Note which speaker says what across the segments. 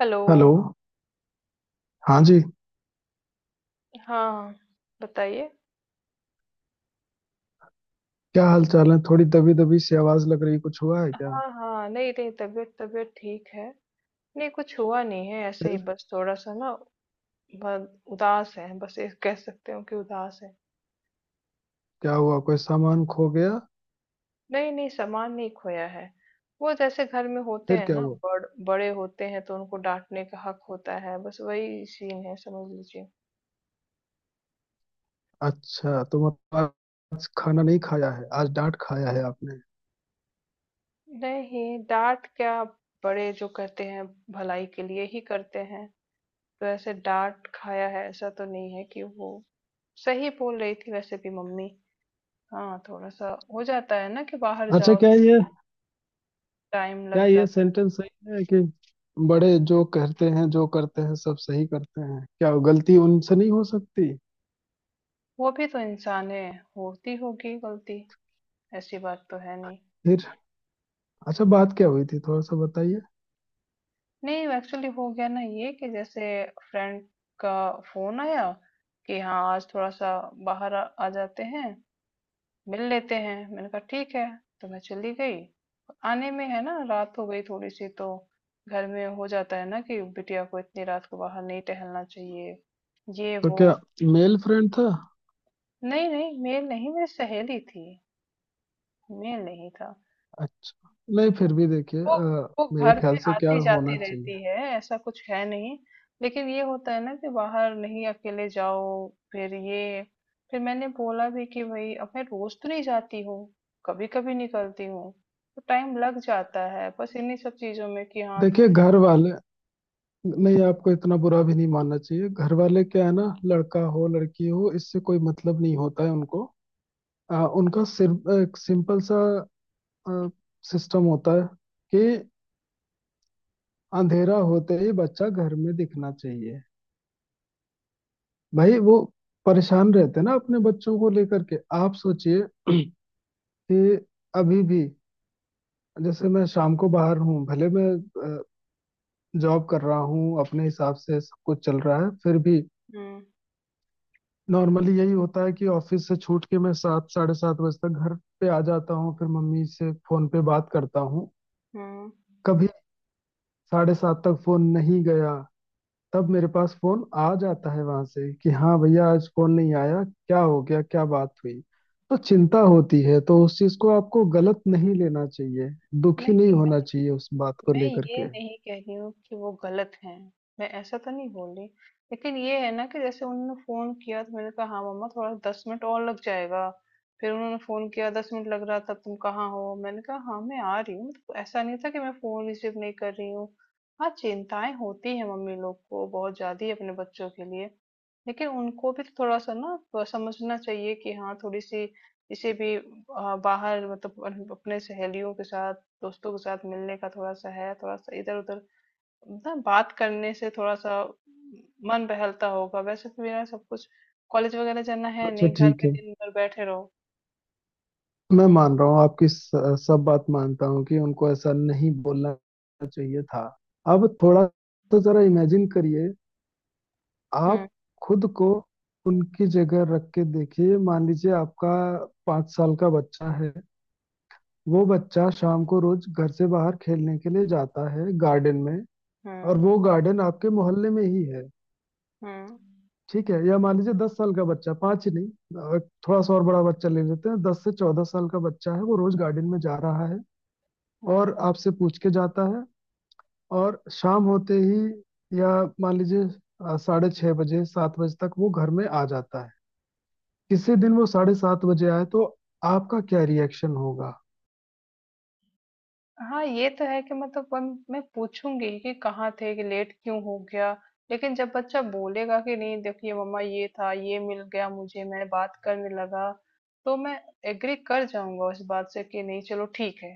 Speaker 1: Hello.
Speaker 2: Hello. हाँ जी।
Speaker 1: हाँ, बताइए।
Speaker 2: क्या हाल चाल है? थोड़ी दबी दबी सी आवाज लग रही, कुछ हुआ है क्या?
Speaker 1: हाँ, हाँ। नहीं, नहीं तबीयत तबीयत ठीक है। नहीं कुछ हुआ नहीं है, ऐसे ही
Speaker 2: फिर
Speaker 1: बस थोड़ा-सा ना ब उदास हैं, बस ये कह सकते हो कि उदास हैं।
Speaker 2: क्या हुआ? कोई सामान खो गया?
Speaker 1: नहीं, नहीं सामान नहीं खोया है। वो जैसे घर में होते
Speaker 2: फिर
Speaker 1: हैं
Speaker 2: क्या
Speaker 1: ना,
Speaker 2: हुआ?
Speaker 1: बड़े होते हैं तो उनको डाँटने का हक होता है, बस वही सीन है समझ लीजिए।
Speaker 2: अच्छा, तो मतलब आज खाना नहीं खाया है, आज डांट खाया है आपने?
Speaker 1: नहीं, डाँट क्या, बड़े जो करते हैं भलाई के लिए ही करते हैं। वैसे डाँट खाया है ऐसा तो नहीं है, कि वो सही बोल रही थी वैसे भी मम्मी। हाँ, थोड़ा सा हो जाता है ना कि बाहर
Speaker 2: अच्छा।
Speaker 1: जाओ टाइम
Speaker 2: क्या
Speaker 1: लग
Speaker 2: ये
Speaker 1: जाता है।
Speaker 2: सेंटेंस सही है कि बड़े जो कहते हैं जो करते हैं सब सही करते हैं? क्या गलती उनसे नहीं हो सकती?
Speaker 1: वो भी तो इंसान है, होती होगी गलती, ऐसी बात तो है नहीं।
Speaker 2: फिर अच्छा, बात क्या हुई थी, थोड़ा सा बताइए।
Speaker 1: नहीं, एक्चुअली हो गया ना ये कि जैसे फ्रेंड का फोन आया कि हाँ, आज थोड़ा सा बाहर आ जाते हैं, मिल लेते हैं। मैंने कहा ठीक है, तो मैं चली गई। आने में है ना रात हो गई थोड़ी सी, तो घर में हो जाता है ना कि बिटिया को इतनी रात को बाहर नहीं टहलना चाहिए, ये
Speaker 2: तो
Speaker 1: वो।
Speaker 2: क्या मेल फ्रेंड था?
Speaker 1: नहीं नहीं, मेल नहीं, मेरी सहेली थी, मेल नहीं था।
Speaker 2: अच्छा, नहीं, फिर भी देखिए
Speaker 1: वो वो
Speaker 2: मेरे
Speaker 1: घर
Speaker 2: ख्याल
Speaker 1: पे
Speaker 2: से क्या
Speaker 1: आती-जाती
Speaker 2: होना चाहिए।
Speaker 1: रहती है, ऐसा कुछ है नहीं। लेकिन ये होता है ना कि बाहर नहीं अकेले जाओ, फिर मैंने बोला भी कि भई अब मैं रोज़ तो नहीं जाती हूँ, कभी-कभी निकलती हूँ, तो टाइम लग जाता है बस इन्हीं सब चीज़ों में कि हाँ, तो।
Speaker 2: देखिए घर वाले, नहीं आपको इतना बुरा भी नहीं मानना चाहिए। घर वाले क्या है ना, लड़का हो लड़की हो इससे कोई मतलब नहीं होता है उनको। उनका सिर्फ एक सिंपल सा सिस्टम होता है कि अंधेरा होते ही बच्चा घर में दिखना चाहिए। भाई वो परेशान रहते हैं ना अपने बच्चों को लेकर के। आप सोचिए कि अभी भी जैसे मैं शाम को बाहर हूँ, भले मैं जॉब कर रहा हूँ, अपने हिसाब से सब कुछ चल रहा है, फिर भी
Speaker 1: हुँ,
Speaker 2: नॉर्मली यही होता है कि ऑफिस से छूट के मैं 7 – 7:30 बजे तक घर पे आ जाता हूँ, फिर मम्मी से फोन पे बात करता हूँ।
Speaker 1: हुँ।
Speaker 2: कभी 7:30 तक फोन नहीं गया, तब मेरे पास फोन आ जाता है वहां से कि हाँ भैया आज फोन नहीं आया, क्या हो गया, क्या बात हुई। तो चिंता होती है, तो उस चीज को आपको गलत नहीं लेना चाहिए, दुखी नहीं
Speaker 1: नहीं,
Speaker 2: होना चाहिए उस बात को
Speaker 1: मैं
Speaker 2: लेकर
Speaker 1: ये
Speaker 2: के।
Speaker 1: नहीं कह रही हूँ कि वो गलत हैं, मैं ऐसा तो नहीं बोल रही। लेकिन ये है ना कि जैसे उन्होंने फोन किया तो मैंने कहा हाँ मम्मा, थोड़ा 10 मिनट और लग जाएगा। फिर उन्होंने फोन किया, 10 मिनट लग रहा था, तुम कहाँ हो। मैंने कहा हाँ मैं आ रही हूँ। तो ऐसा नहीं था कि मैं फोन रिसीव नहीं कर रही हूँ। हाँ, चिंताएं होती है मम्मी लोग को बहुत ज्यादा ही अपने बच्चों के लिए, लेकिन उनको भी तो थोड़ा सा ना समझना चाहिए कि हाँ, थोड़ी सी इसे भी बाहर मतलब अपने सहेलियों के साथ, दोस्तों के साथ मिलने का थोड़ा सा है, थोड़ा सा इधर उधर ना बात करने से थोड़ा सा मन बहलता होगा। वैसे तो मेरा सब कुछ, कॉलेज वगैरह जाना है
Speaker 2: अच्छा
Speaker 1: नहीं, घर
Speaker 2: ठीक
Speaker 1: में
Speaker 2: है,
Speaker 1: दिन भर बैठे रहो।
Speaker 2: मैं मान रहा हूँ आपकी सब बात मानता हूँ कि उनको ऐसा नहीं बोलना चाहिए था। अब थोड़ा तो जरा इमेजिन करिए,
Speaker 1: हम्म।
Speaker 2: आप खुद को उनकी जगह रख के देखिए। मान लीजिए आपका 5 साल का बच्चा है, वो बच्चा शाम को रोज घर से बाहर खेलने के लिए जाता है गार्डन में, और
Speaker 1: हम्म।
Speaker 2: वो गार्डन आपके मोहल्ले में ही है।
Speaker 1: हम्म।
Speaker 2: ठीक है? या मान लीजिए 10 साल का बच्चा, पाँच ही नहीं, अ, थोड़ा सा और बड़ा बच्चा ले लेते हैं। 10 से 14 साल का बच्चा है, वो रोज गार्डन में जा रहा है और
Speaker 1: हम्म।
Speaker 2: आपसे पूछ के जाता है, और शाम होते ही या मान लीजिए 6:30 बजे 7 बजे तक वो घर में आ जाता है। किसी दिन वो 7:30 बजे आए, तो आपका क्या रिएक्शन होगा?
Speaker 1: हाँ, ये तो है कि मतलब, मैं पूछूंगी कि कहाँ थे, कि लेट क्यों हो गया। लेकिन जब बच्चा बोलेगा कि नहीं देखिए मम्मा, ये था ये मिल गया मुझे, मैं बात करने लगा, तो मैं एग्री कर जाऊंगा उस बात से कि नहीं चलो ठीक है।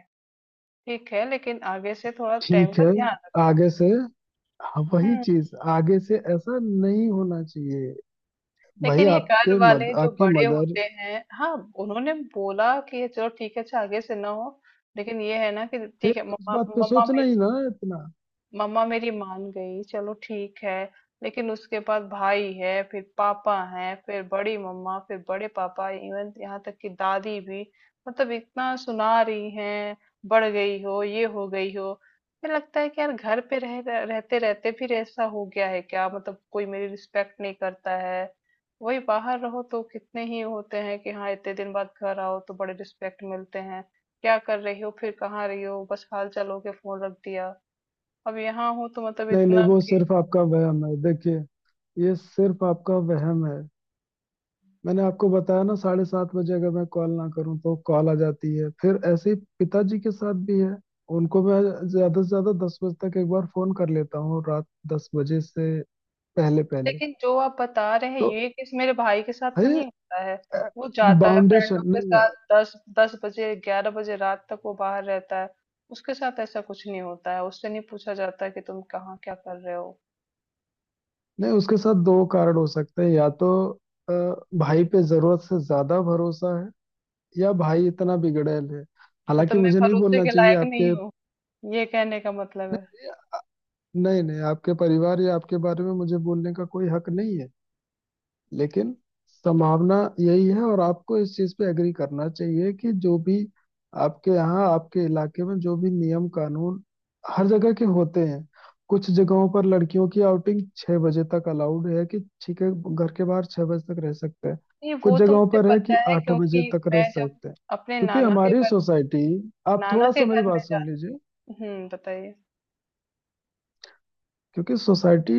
Speaker 1: ठीक है, लेकिन आगे से थोड़ा टाइम
Speaker 2: ठीक
Speaker 1: का
Speaker 2: है
Speaker 1: ध्यान रखना।
Speaker 2: आगे से, हाँ, वही
Speaker 1: हम्म।
Speaker 2: चीज, आगे से ऐसा नहीं होना चाहिए। भाई
Speaker 1: लेकिन ये घर
Speaker 2: आपके मद
Speaker 1: वाले जो
Speaker 2: आपकी
Speaker 1: बड़े
Speaker 2: मदर,
Speaker 1: होते हैं हाँ, उन्होंने बोला कि ये चलो ठीक है, अच्छा आगे से ना हो, लेकिन ये है ना कि
Speaker 2: फिर
Speaker 1: ठीक है
Speaker 2: उस
Speaker 1: मम्मा,
Speaker 2: बात पे
Speaker 1: मम्मा
Speaker 2: सोचना ही ना इतना।
Speaker 1: मम्मा मेरी मान गई चलो ठीक है। लेकिन उसके बाद भाई है, फिर पापा है, फिर बड़ी मम्मा, फिर बड़े पापा, इवन यहाँ तक कि दादी भी, मतलब इतना सुना रही हैं। बढ़ गई हो, ये हो गई हो। मुझे लगता है कि यार घर पे रह रह- रहते रहते फिर ऐसा हो गया है क्या, मतलब कोई मेरी रिस्पेक्ट नहीं करता है। वही बाहर रहो तो कितने ही होते हैं कि हाँ, इतने दिन बाद घर आओ तो बड़े रिस्पेक्ट मिलते हैं। क्या कर रही हो, फिर कहाँ रही हो, बस हाल चाल हो के फोन रख दिया। अब यहाँ हूँ तो मतलब
Speaker 2: नहीं
Speaker 1: इतना
Speaker 2: नहीं, वो
Speaker 1: कि।
Speaker 2: सिर्फ आपका वहम है, देखिए। ये सिर्फ आपका वहम है। मैंने आपको बताया ना, 7:30 बजे अगर मैं कॉल ना करूं तो कॉल आ जाती है। फिर ऐसे ही पिताजी के साथ भी है। उनको मैं ज्यादा से ज्यादा 10 बजे तक एक बार फोन कर लेता हूँ, रात 10 बजे से पहले पहले।
Speaker 1: लेकिन जो आप बता रहे हैं
Speaker 2: तो
Speaker 1: ये, किस, मेरे भाई के साथ तो
Speaker 2: है
Speaker 1: नहीं होता है। वो जाता है फ्रेंडों
Speaker 2: बाउंडेशन,
Speaker 1: के
Speaker 2: नहीं यार।
Speaker 1: साथ, दस दस बजे 11 बजे रात तक वो बाहर रहता है, उसके साथ ऐसा कुछ नहीं होता है, उससे नहीं पूछा जाता कि तुम कहाँ क्या कर रहे हो।
Speaker 2: नहीं, उसके साथ दो कारण हो सकते हैं, या तो अ, भाई पे जरूरत से ज्यादा भरोसा है, या भाई इतना बिगड़ैल है।
Speaker 1: मतलब
Speaker 2: हालांकि
Speaker 1: मैं
Speaker 2: मुझे नहीं
Speaker 1: भरोसे
Speaker 2: बोलना
Speaker 1: के
Speaker 2: चाहिए
Speaker 1: लायक
Speaker 2: आपके,
Speaker 1: नहीं हूँ, ये कहने का मतलब है।
Speaker 2: नहीं नहीं, आपके परिवार या आपके बारे में मुझे बोलने का कोई हक नहीं है, लेकिन संभावना यही है। और आपको इस चीज पे एग्री करना चाहिए कि जो भी आपके यहाँ, आपके इलाके में जो भी नियम कानून, हर जगह के होते हैं। कुछ जगहों पर लड़कियों की आउटिंग 6 बजे तक अलाउड है कि ठीक है घर के बाहर 6 बजे तक रह सकते हैं,
Speaker 1: नहीं,
Speaker 2: कुछ
Speaker 1: वो तो
Speaker 2: जगहों
Speaker 1: मुझे
Speaker 2: पर है कि
Speaker 1: पता है,
Speaker 2: 8 बजे
Speaker 1: क्योंकि
Speaker 2: तक रह
Speaker 1: मैं जब
Speaker 2: सकते हैं।
Speaker 1: अपने
Speaker 2: क्योंकि हमारी सोसाइटी, आप
Speaker 1: नाना
Speaker 2: थोड़ा
Speaker 1: के
Speaker 2: सा मेरी
Speaker 1: घर
Speaker 2: बात
Speaker 1: में जा
Speaker 2: सुन लीजिए,
Speaker 1: हम्म, बताइए।
Speaker 2: क्योंकि सोसाइटी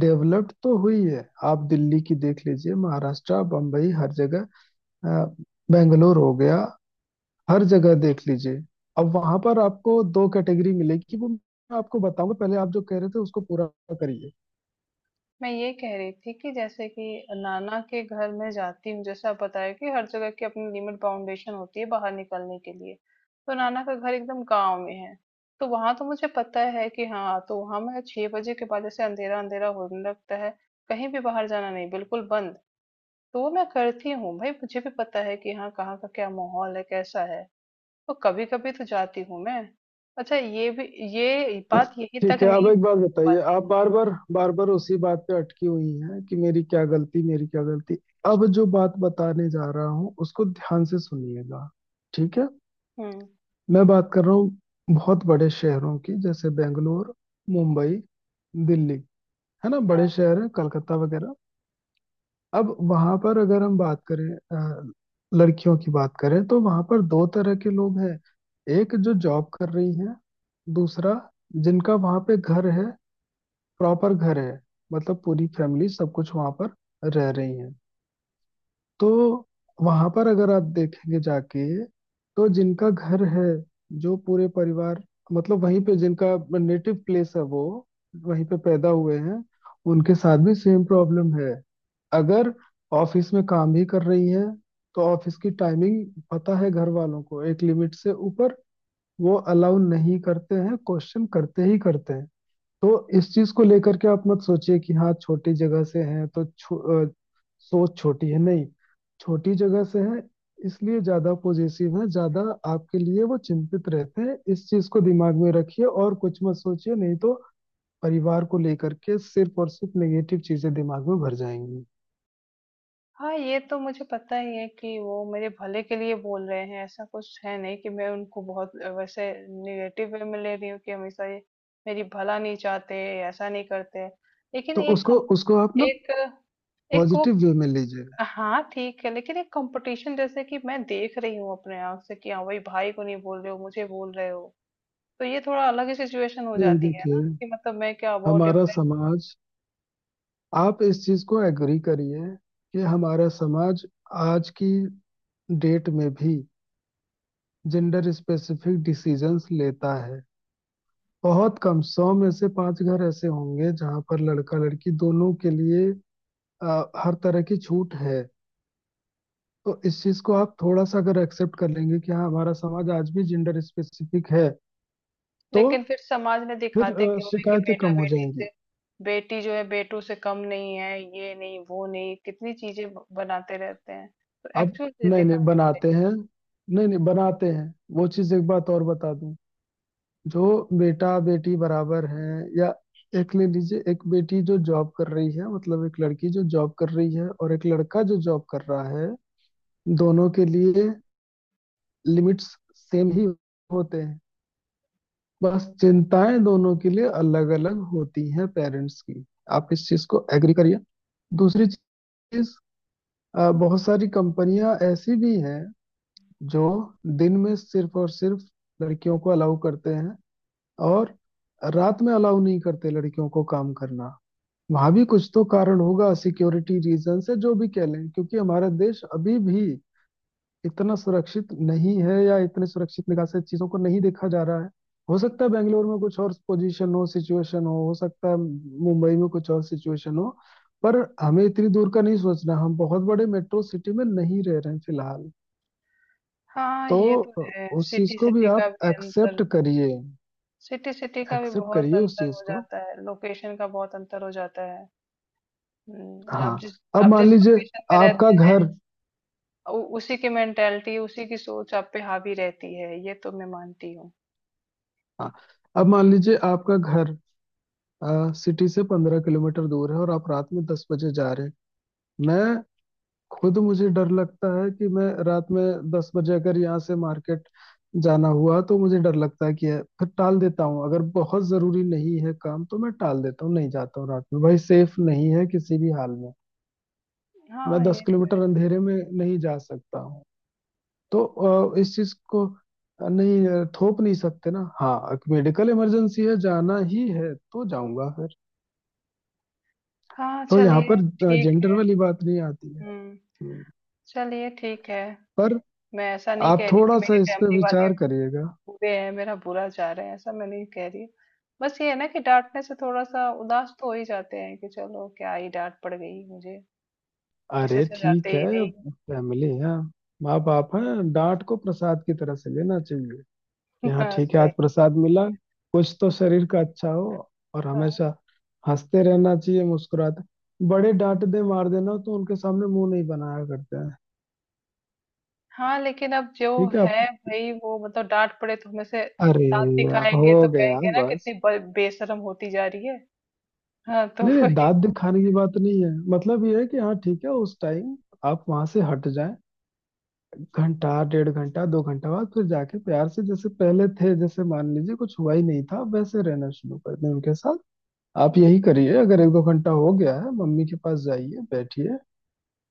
Speaker 2: डेवलप्ड तो हुई है, आप दिल्ली की देख लीजिए, महाराष्ट्र, बम्बई, हर जगह, अ, बेंगलोर हो गया, हर जगह देख लीजिए। अब वहां पर आपको दो कैटेगरी मिलेगी, वो मैं आपको बताऊंगा, पहले आप जो कह रहे थे उसको पूरा करिए।
Speaker 1: मैं ये कह रही थी कि जैसे कि नाना के घर में जाती हूँ, जैसे आप बताया कि हर जगह की अपनी लिमिट बाउंडेशन होती है बाहर निकलने के लिए, तो नाना का घर एकदम गांव में है, तो वहां तो मुझे पता है कि हाँ। तो वहां मैं 6 बजे के बाद जैसे अंधेरा अंधेरा होने लगता है, कहीं भी बाहर जाना नहीं, बिल्कुल बंद। तो वो मैं करती हूँ, भाई मुझे भी पता है कि हाँ कहाँ का क्या माहौल है, कैसा है। तो कभी कभी तो जाती हूँ मैं। अच्छा ये बात यही
Speaker 2: ठीक
Speaker 1: तक
Speaker 2: है अब
Speaker 1: नहीं हो
Speaker 2: एक बात बताइए,
Speaker 1: पाती।
Speaker 2: आप बार बार बार बार उसी बात पे अटकी हुई हैं कि मेरी क्या गलती, मेरी क्या गलती। अब जो बात बताने जा रहा हूँ उसको ध्यान से सुनिएगा, ठीक है?
Speaker 1: हम्म।
Speaker 2: मैं बात कर रहा हूँ बहुत बड़े शहरों की, जैसे बेंगलोर, मुंबई, दिल्ली, है ना, बड़े शहर हैं, कलकत्ता वगैरह। अब वहां पर अगर हम बात करें, अ, लड़कियों की बात करें, तो वहां पर दो तरह के लोग हैं, एक जो जॉब कर रही है, दूसरा जिनका वहां पे घर है, प्रॉपर घर है, मतलब पूरी फैमिली सब कुछ वहां पर रह रही है। तो वहां पर अगर आप देखेंगे जाके, तो जिनका घर है, जो पूरे परिवार, मतलब वहीं पे जिनका नेटिव प्लेस है, वो वहीं पे पैदा हुए हैं, उनके साथ भी सेम प्रॉब्लम है। अगर ऑफिस में काम भी कर रही है, तो ऑफिस की टाइमिंग पता है घर वालों को, एक लिमिट से ऊपर वो अलाउ नहीं करते हैं, क्वेश्चन करते ही करते हैं। तो इस चीज को लेकर के आप मत सोचिए कि हाँ छोटी जगह से है तो अ, सोच छोटी है, नहीं, छोटी जगह से है इसलिए ज्यादा पॉजिटिव है, ज्यादा आपके लिए वो चिंतित रहते हैं। इस चीज को दिमाग में रखिए और कुछ मत सोचिए, नहीं तो परिवार को लेकर के सिर्फ और सिर्फ नेगेटिव चीजें दिमाग में भर जाएंगी।
Speaker 1: हाँ, ये तो मुझे पता ही है कि वो मेरे भले के लिए बोल रहे हैं, ऐसा कुछ है नहीं कि मैं उनको बहुत वैसे निगेटिव वे में ले रही हूँ कि हमेशा ये मेरी भला नहीं चाहते, ऐसा नहीं करते। लेकिन
Speaker 2: तो
Speaker 1: एक
Speaker 2: उसको
Speaker 1: कम-
Speaker 2: उसको आप ना
Speaker 1: एक एक वो
Speaker 2: पॉजिटिव वे में लीजिए।
Speaker 1: हाँ ठीक है, लेकिन एक कंपटीशन जैसे कि मैं देख रही हूँ अपने आंख से कि हाँ, भाई भाई को नहीं बोल रहे हो, मुझे बोल रहे हो। तो ये थोड़ा अलग ही सिचुएशन हो
Speaker 2: नहीं
Speaker 1: जाती है
Speaker 2: देखिए,
Speaker 1: ना, कि मतलब मैं क्या बहुत
Speaker 2: हमारा
Speaker 1: डिफरेंट।
Speaker 2: समाज, आप इस चीज को एग्री करिए कि हमारा समाज आज की डेट में भी जेंडर स्पेसिफिक डिसीजंस लेता है। बहुत कम, 100 में से 5 घर ऐसे होंगे जहां पर लड़का लड़की दोनों के लिए हर तरह की छूट है। तो इस चीज को आप थोड़ा सा अगर एक्सेप्ट कर लेंगे कि हाँ, हमारा समाज आज भी जेंडर स्पेसिफिक है, तो
Speaker 1: लेकिन फिर समाज में
Speaker 2: फिर
Speaker 1: दिखाते क्यों है कि
Speaker 2: शिकायतें
Speaker 1: बेटा
Speaker 2: कम हो
Speaker 1: बेटी
Speaker 2: जाएंगी।
Speaker 1: से बेटी जो है बेटों से कम नहीं है, ये नहीं वो नहीं कितनी चीजें बनाते रहते हैं, तो
Speaker 2: अब
Speaker 1: एक्चुअल से
Speaker 2: नहीं नहीं
Speaker 1: दिखाते हैं।
Speaker 2: बनाते हैं, वो चीज। एक बात और बता दूं, जो बेटा बेटी बराबर हैं, या एक ले लीजिए, एक बेटी जो जॉब कर रही है, मतलब एक लड़की जो जॉब कर रही है और एक लड़का जो जॉब कर रहा है, दोनों के लिए लिमिट्स सेम ही होते हैं। बस चिंताएं दोनों के लिए अलग अलग होती हैं पेरेंट्स की। आप इस चीज को एग्री करिए। दूसरी चीज, बहुत सारी कंपनियां ऐसी भी हैं जो दिन में सिर्फ और सिर्फ लड़कियों को अलाउ करते हैं और रात में अलाउ नहीं करते लड़कियों को काम करना। वहां भी कुछ तो कारण होगा, सिक्योरिटी रीजन से जो भी कह लें, क्योंकि हमारा देश अभी भी इतना सुरक्षित नहीं है, या इतने सुरक्षित निगाह से चीजों को नहीं देखा जा रहा है। हो सकता है बेंगलोर में कुछ और पोजीशन हो, सिचुएशन हो सकता है मुंबई में कुछ और सिचुएशन हो, पर हमें इतनी दूर का नहीं सोचना, हम बहुत बड़े मेट्रो सिटी में नहीं रह रहे हैं फिलहाल।
Speaker 1: हाँ,
Speaker 2: तो
Speaker 1: ये तो है,
Speaker 2: उस चीज
Speaker 1: सिटी
Speaker 2: को भी
Speaker 1: सिटी का
Speaker 2: आप
Speaker 1: भी अंतर
Speaker 2: एक्सेप्ट करिए,
Speaker 1: सिटी सिटी का भी
Speaker 2: एक्सेप्ट
Speaker 1: बहुत
Speaker 2: करिए उस
Speaker 1: अंतर
Speaker 2: चीज
Speaker 1: हो
Speaker 2: को।
Speaker 1: जाता है, लोकेशन का बहुत अंतर हो जाता है।
Speaker 2: हाँ।
Speaker 1: आप जिस
Speaker 2: अब
Speaker 1: आप जिस
Speaker 2: मान लीजिए
Speaker 1: लोकेशन में
Speaker 2: आपका
Speaker 1: रहते हैं,
Speaker 2: घर
Speaker 1: उसी की मेंटेलिटी, उसी की सोच आप पे हावी रहती है, ये तो मैं मानती हूँ।
Speaker 2: हाँ अब मान लीजिए आपका घर सिटी से 15 किलोमीटर दूर है और आप रात में 10 बजे जा रहे हैं। मैं, खुद मुझे डर लगता है कि मैं रात में 10 बजे अगर यहाँ से मार्केट जाना हुआ, तो मुझे डर लगता है कि है, फिर टाल देता हूँ, अगर बहुत जरूरी नहीं है काम तो मैं टाल देता हूँ, नहीं जाता हूँ रात में, भाई सेफ नहीं है किसी भी हाल में। मैं
Speaker 1: हाँ
Speaker 2: दस
Speaker 1: ये
Speaker 2: किलोमीटर अंधेरे में नहीं जा सकता। तो इस चीज को थोप नहीं सकते ना। हाँ मेडिकल इमरजेंसी है, जाना ही है तो जाऊंगा फिर।
Speaker 1: हाँ,
Speaker 2: तो यहाँ
Speaker 1: चलिए
Speaker 2: पर
Speaker 1: ठीक
Speaker 2: जेंडर
Speaker 1: है।
Speaker 2: वाली बात नहीं आती है।
Speaker 1: हम्म,
Speaker 2: हम्म।
Speaker 1: चलिए ठीक है।
Speaker 2: पर
Speaker 1: मैं ऐसा नहीं
Speaker 2: आप
Speaker 1: कह रही कि
Speaker 2: थोड़ा सा
Speaker 1: मेरी
Speaker 2: इस पे
Speaker 1: फैमिली वाले
Speaker 2: विचार करिएगा।
Speaker 1: बुरे हैं, मेरा बुरा चाह रहे हैं, ऐसा मैं नहीं कह रही। बस ये है ना कि डाँटने से थोड़ा-सा उदास तो हो ही जाते हैं, कि चलो क्या ही डाँट पड़ गई मुझे, इससे
Speaker 2: अरे
Speaker 1: अच्छा जाते
Speaker 2: ठीक है,
Speaker 1: ही नहीं।
Speaker 2: फैमिली है, माँ बाप हैं, डांट को प्रसाद की तरह से लेना चाहिए कि हाँ
Speaker 1: हाँ,
Speaker 2: ठीक है
Speaker 1: सही।
Speaker 2: आज प्रसाद मिला, कुछ तो शरीर का अच्छा हो। और
Speaker 1: हाँ।
Speaker 2: हमेशा हंसते रहना चाहिए, मुस्कुराते। बड़े डांट दे मार देना तो उनके सामने मुंह नहीं बनाया करते हैं।
Speaker 1: हाँ, लेकिन अब जो
Speaker 2: ठीक है आप,
Speaker 1: है भई, वो मतलब डाँट पड़े तो हमें से
Speaker 2: अरे,
Speaker 1: दाँत
Speaker 2: अब
Speaker 1: दिखाएँगे
Speaker 2: हो
Speaker 1: तो
Speaker 2: गया
Speaker 1: कहेंगे ना
Speaker 2: बस।
Speaker 1: कितनी ब बेशर्म होती जा रही है। हाँ, तो
Speaker 2: नहीं नहीं,
Speaker 1: वही।
Speaker 2: दांत दिखाने की बात नहीं है, मतलब ये है कि हाँ ठीक है, उस टाइम आप वहां से हट जाएं, घंटा 1.5 घंटा 2 घंटा बाद फिर जाके प्यार से, जैसे पहले थे, जैसे मान लीजिए कुछ हुआ ही नहीं था, वैसे रहना शुरू कर दें उनके साथ। आप
Speaker 1: हुँ,
Speaker 2: यही करिए, अगर 1 – 2 घंटा हो गया है, मम्मी के पास जाइए, बैठिए,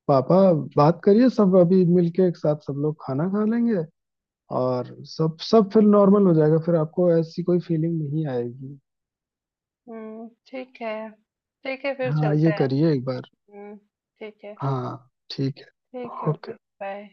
Speaker 2: पापा, बात करिए, सब अभी मिलके एक साथ सब लोग खाना खा लेंगे, और सब सब फिर नॉर्मल हो जाएगा, फिर आपको ऐसी कोई फीलिंग नहीं आएगी।
Speaker 1: हुँ, ठीक है। ठीक है, फिर
Speaker 2: हाँ
Speaker 1: चलते
Speaker 2: ये
Speaker 1: हैं।
Speaker 2: करिए एक बार।
Speaker 1: हुँ, ठीक है।
Speaker 2: हाँ ठीक है।
Speaker 1: ठीक है, ओके,
Speaker 2: ओके।
Speaker 1: बाय।